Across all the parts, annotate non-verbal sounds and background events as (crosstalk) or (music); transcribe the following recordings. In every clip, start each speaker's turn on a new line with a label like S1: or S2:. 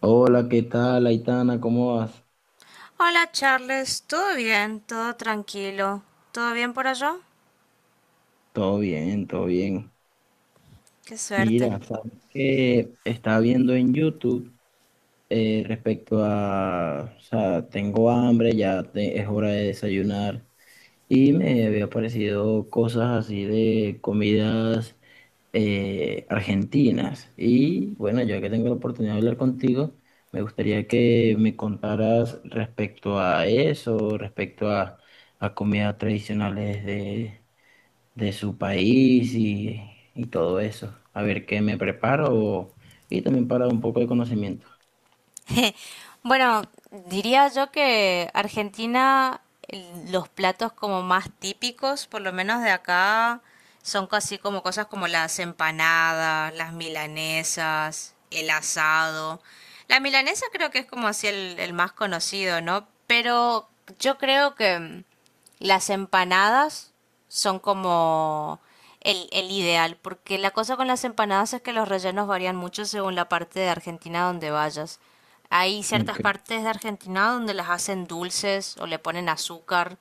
S1: Hola, ¿qué tal, Aitana? ¿Cómo vas?
S2: Hola Charles, ¿todo bien? ¿Todo tranquilo? ¿Todo bien por allá?
S1: Todo bien, todo bien.
S2: Qué suerte.
S1: Mira, sabes que estaba viendo en YouTube respecto a, o sea, tengo hambre, es hora de desayunar y me había aparecido cosas así de comidas argentinas. Y bueno, ya que tengo la oportunidad de hablar contigo, me gustaría que me contaras respecto a eso, respecto a comidas tradicionales de su país y todo eso. A ver qué me preparo y también para un poco de conocimiento.
S2: (laughs) Bueno, diría yo que Argentina, los platos como más típicos, por lo menos de acá, son casi como cosas como las empanadas, las milanesas, el asado. La milanesa creo que es como así el más conocido, ¿no? Pero yo creo que las empanadas son como el ideal, porque la cosa con las empanadas es que los rellenos varían mucho según la parte de Argentina donde vayas. Hay ciertas
S1: Ok.
S2: partes de Argentina donde las hacen dulces o le ponen azúcar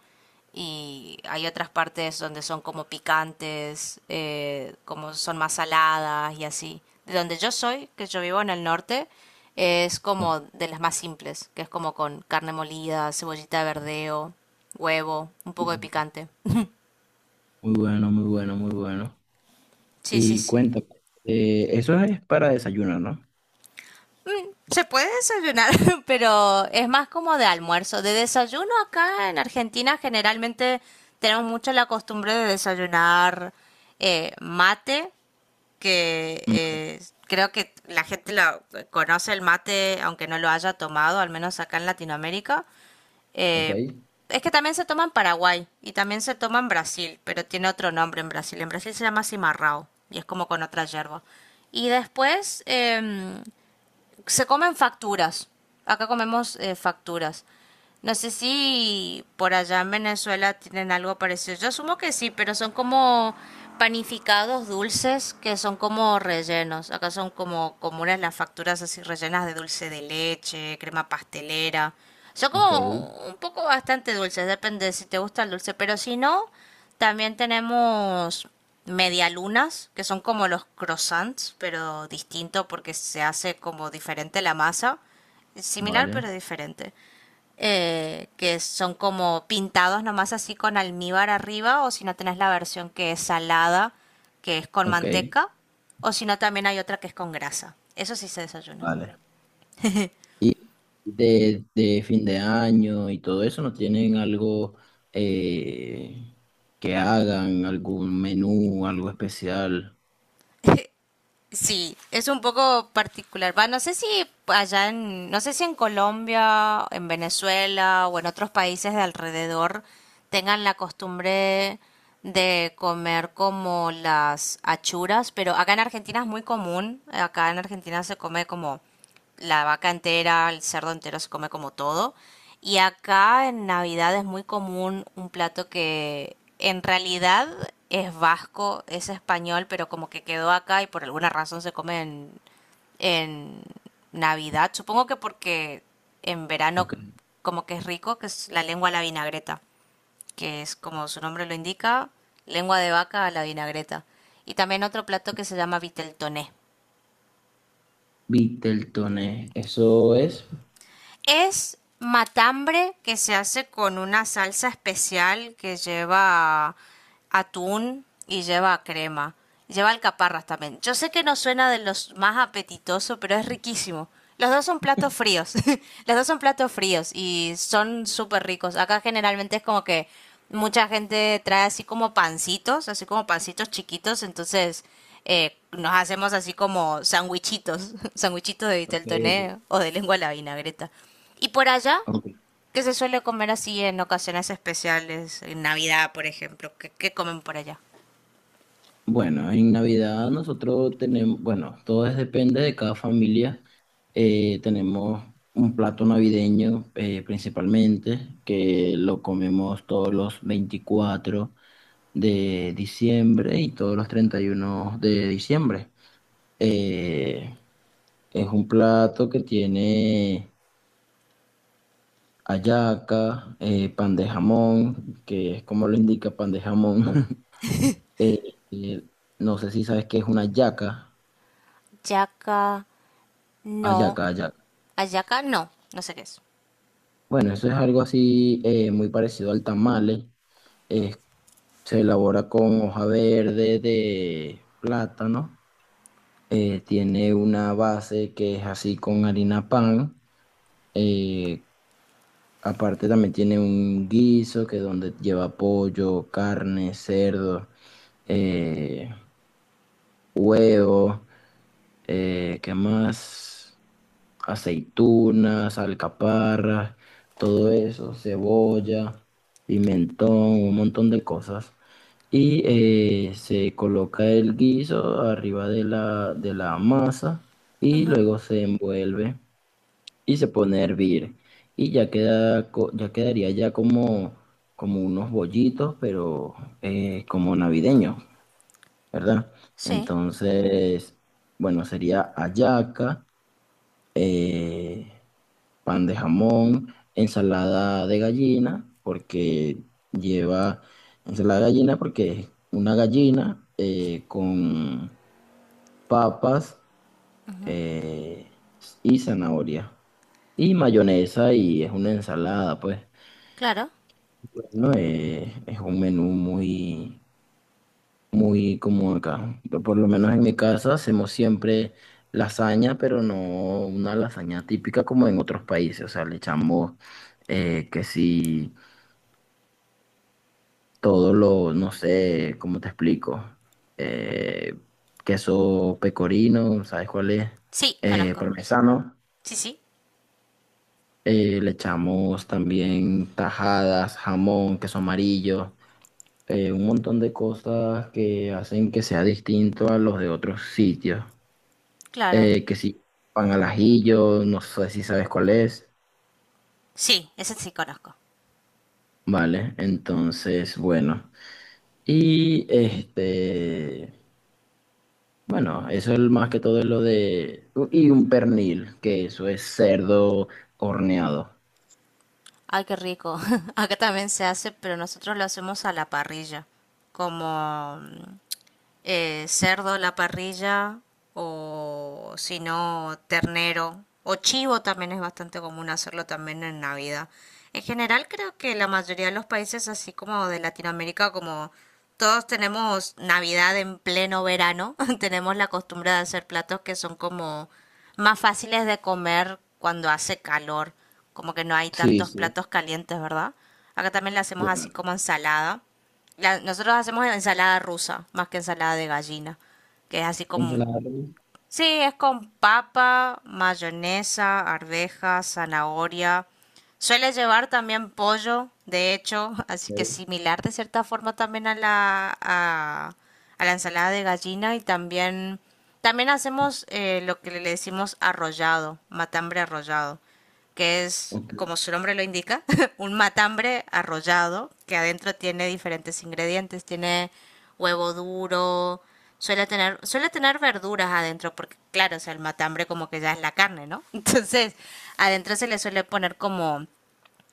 S2: y hay otras partes donde son como picantes, como son más saladas y así. De donde yo soy, que yo vivo en el norte, es
S1: Ok.
S2: como de las más simples, que es como con carne molida, cebollita de verdeo, huevo, un poco de picante.
S1: Muy bueno, muy bueno, muy bueno.
S2: Sí, sí,
S1: Y
S2: sí.
S1: cuéntame, eso es para desayuno, ¿no?
S2: Se puede desayunar, (laughs) pero es más como de almuerzo. De desayuno acá en Argentina generalmente tenemos mucho la costumbre de desayunar mate, que
S1: Mm,
S2: eh, creo que la gente la conoce el mate, aunque no lo haya tomado, al menos acá en Latinoamérica.
S1: ok,
S2: Eh, es que también se toma en Paraguay y también se toma en Brasil, pero tiene otro nombre en Brasil. En Brasil se llama cimarrao y es como con otra hierba. Y después, se comen facturas. Acá comemos facturas. No sé si por allá en Venezuela tienen algo parecido. Yo asumo que sí, pero son como panificados dulces que son como rellenos. Acá son como comunes las facturas así rellenas de dulce de leche, crema pastelera. Son
S1: ok,
S2: como un poco bastante dulces, depende de si te gusta el dulce, pero si no, también tenemos medialunas, que son como los croissants, pero distinto porque se hace como diferente la masa. Similar pero
S1: vale,
S2: diferente. Que son como pintados nomás así con almíbar arriba, o si no tenés la versión que es salada, que es con
S1: ok,
S2: manteca, o si no también hay otra que es con grasa. Eso sí se desayuna.
S1: vale. Y de fin de año y todo eso, ¿no tienen algo eh, que hagan, algún menú, algo especial?
S2: Sí, es un poco particular. Va, no sé si no sé si en Colombia, en Venezuela o en otros países de alrededor tengan la costumbre de comer como las achuras, pero acá en Argentina es muy común. Acá en Argentina se come como la vaca entera, el cerdo entero se come como todo. Y acá en Navidad es muy común un plato que en realidad es vasco, es español, pero como que quedó acá y por alguna razón se come en Navidad. Supongo que porque en verano
S1: Ok.
S2: como que es rico, que es la lengua a la vinagreta, que es como su nombre lo indica, lengua de vaca a la vinagreta. Y también otro plato que se llama viteltoné,
S1: Viteltoné, eso es.
S2: es matambre que se hace con una salsa especial que lleva atún y lleva crema. Lleva alcaparras también. Yo sé que no suena de los más apetitosos, pero es riquísimo. Los dos son platos fríos. (laughs) Los dos son platos fríos y son súper ricos. Acá generalmente es como que mucha gente trae así como pancitos chiquitos, entonces nos hacemos así como sandwichitos, (laughs) sandwichitos de
S1: Ok,
S2: vitel toné o de lengua a la vinagreta. Y por allá,
S1: ok.
S2: ¿qué se suele comer así en ocasiones especiales? En Navidad, por ejemplo. ¿Qué, qué comen por allá?
S1: Bueno, en Navidad nosotros tenemos, bueno, depende de cada familia. Tenemos un plato navideño principalmente, que lo comemos todos los 24 de diciembre y todos los 31 de diciembre. Eh, es un plato que tiene hallaca, pan de jamón, que es como lo indica pan de jamón. (laughs) Eh, eh, no sé si sabes qué es una yaca,
S2: Yaca, no.
S1: ayaca, ayaca.
S2: Ayaca, no. No sé qué es.
S1: Bueno, eso es algo así muy parecido al tamale. Es- se elabora con hoja verde de plátano. Tiene una base que es así con harina pan. Eh, aparte también tiene un guiso que donde lleva pollo, carne, cerdo, eh, huevo, ¿qué más? Aceitunas, alcaparras, todo eso, cebolla, pimentón, un montón de cosas. Y se coloca el guiso arriba de la masa y luego se envuelve y se pone a hervir. Y ya queda, ya quedaría ya como unos bollitos, pero como navideños, ¿verdad?
S2: Sí,
S1: Entonces, bueno, sería hallaca, eh, pan de jamón, ensalada de gallina, porque lleva ensalada de gallina porque es una gallina con papas eh, y zanahoria y mayonesa y es una ensalada, pues.
S2: claro.
S1: Bueno, es un menú muy, muy común acá. Por lo menos en mi casa hacemos siempre lasaña, pero no una lasaña típica como en otros países. O sea, le echamos que sí todo lo, no sé, ¿cómo te explico? Eh, queso pecorino, ¿sabes cuál es?
S2: Sí,
S1: Eh,
S2: conozco.
S1: parmesano.
S2: Sí, sí,
S1: Le echamos también tajadas, jamón, queso amarillo, un montón de cosas que hacen que sea distinto a los de otros sitios.
S2: claro.
S1: Que si pan al ajillo, no sé si sabes cuál es.
S2: Sí, ese sí conozco.
S1: Vale, entonces, bueno. Y bueno, eso es más que todo lo de. Y un pernil, que eso es cerdo horneado.
S2: Ay, qué rico. (laughs) Acá también se hace, pero nosotros lo hacemos a la parrilla. Como cerdo en la parrilla o si no ternero o chivo también es bastante común hacerlo también en Navidad. En general creo que la mayoría de los países así como de Latinoamérica como todos tenemos Navidad en pleno verano, (laughs) tenemos la costumbre de hacer platos que son como más fáciles de comer cuando hace calor, como que no hay
S1: Sí,
S2: tantos
S1: sí.
S2: platos calientes, ¿verdad? Acá también le hacemos así como ensalada nosotros hacemos ensalada rusa, más que ensalada de gallina, que es así como,
S1: Ensalada rusa.
S2: sí, es con papa, mayonesa, arvejas, zanahoria. Suele llevar también pollo, de hecho, (laughs) así que similar de cierta forma también a a la ensalada de gallina y también, también hacemos lo que le decimos arrollado, matambre arrollado que es,
S1: Ok, ok.
S2: como su nombre lo indica, (laughs) un matambre arrollado que adentro tiene diferentes ingredientes. Tiene huevo duro, suele tener verduras adentro, porque claro, o sea, el matambre como que ya es la carne, ¿no? (laughs) Entonces, adentro se le suele poner como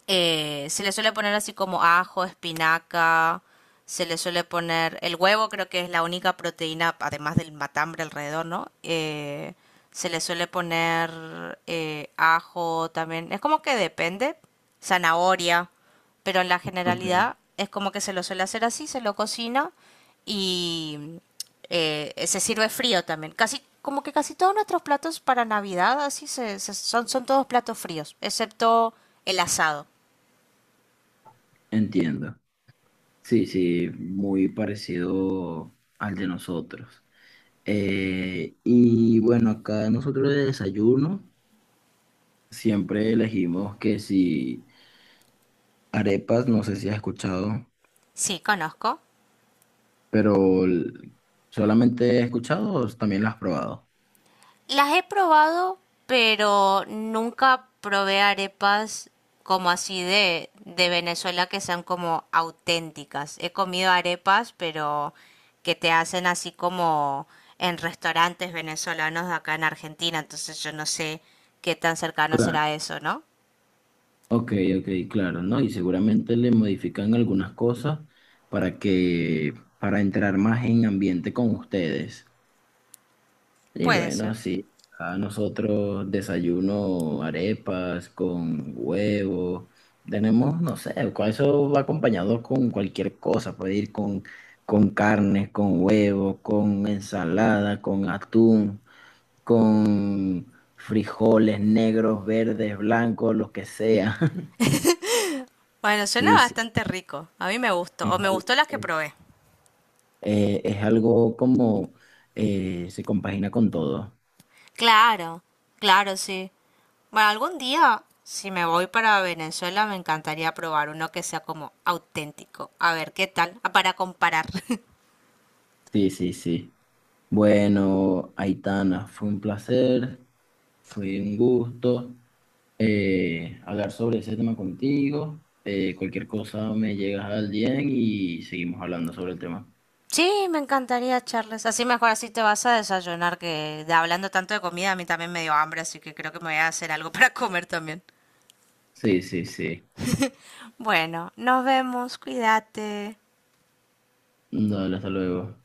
S2: se le suele poner así como ajo, espinaca, se le suele poner el huevo, creo que es la única proteína, además del matambre alrededor, ¿no? Se le suele poner ajo también, es como que depende, zanahoria, pero en la
S1: Ok.
S2: generalidad es como que se lo suele hacer así, se lo cocina y se sirve frío también. Casi, como que casi todos nuestros platos para Navidad así son todos platos fríos, excepto el asado.
S1: Entiendo. Sí, sí, muy parecido al de nosotros. Y bueno, acá nosotros de desayuno siempre elegimos que si arepas, no sé si has escuchado,
S2: Sí, conozco.
S1: pero solamente he escuchado o también las has probado.
S2: Las he probado, pero nunca probé arepas como así de Venezuela que sean como auténticas. He comido arepas, pero que te hacen así como en restaurantes venezolanos de acá en Argentina. Entonces yo no sé qué tan cercano
S1: Claro.
S2: será eso, ¿no?
S1: Ok, ok, claro, ¿no? Y seguramente le modifican algunas cosas para que, para entrar más en ambiente con ustedes. Y
S2: Puede
S1: bueno,
S2: ser.
S1: sí, a nosotros desayuno arepas con huevo, tenemos, no sé, con eso va acompañado con cualquier cosa, puede ir con carne, con huevo, con ensalada, con atún, con frijoles negros, verdes, blancos, lo que sea. (laughs)
S2: Bueno, suena
S1: Sí, sí.
S2: bastante rico. A mí me gustó. O
S1: Es,
S2: me
S1: al-
S2: gustó las que
S1: es-
S2: probé.
S1: es algo como se compagina con todo.
S2: Claro, claro, sí. Bueno, algún día, si me voy para Venezuela, me encantaría probar uno que sea como auténtico. A ver, ¿qué tal? Ah, para comparar. (laughs)
S1: Sí, sí, sí. Bueno, Aitana, fue un placer, fue un gusto hablar sobre ese tema contigo. Cualquier cosa me llegas al DM y seguimos hablando sobre el tema.
S2: Sí, me encantaría, Charles. Así mejor así te vas a desayunar, que de hablando tanto de comida, a mí también me dio hambre, así que creo que me voy a hacer algo (laughs) para comer también.
S1: Sí, sí, sí.
S2: Bueno, nos vemos, cuídate.
S1: Dale, hasta luego.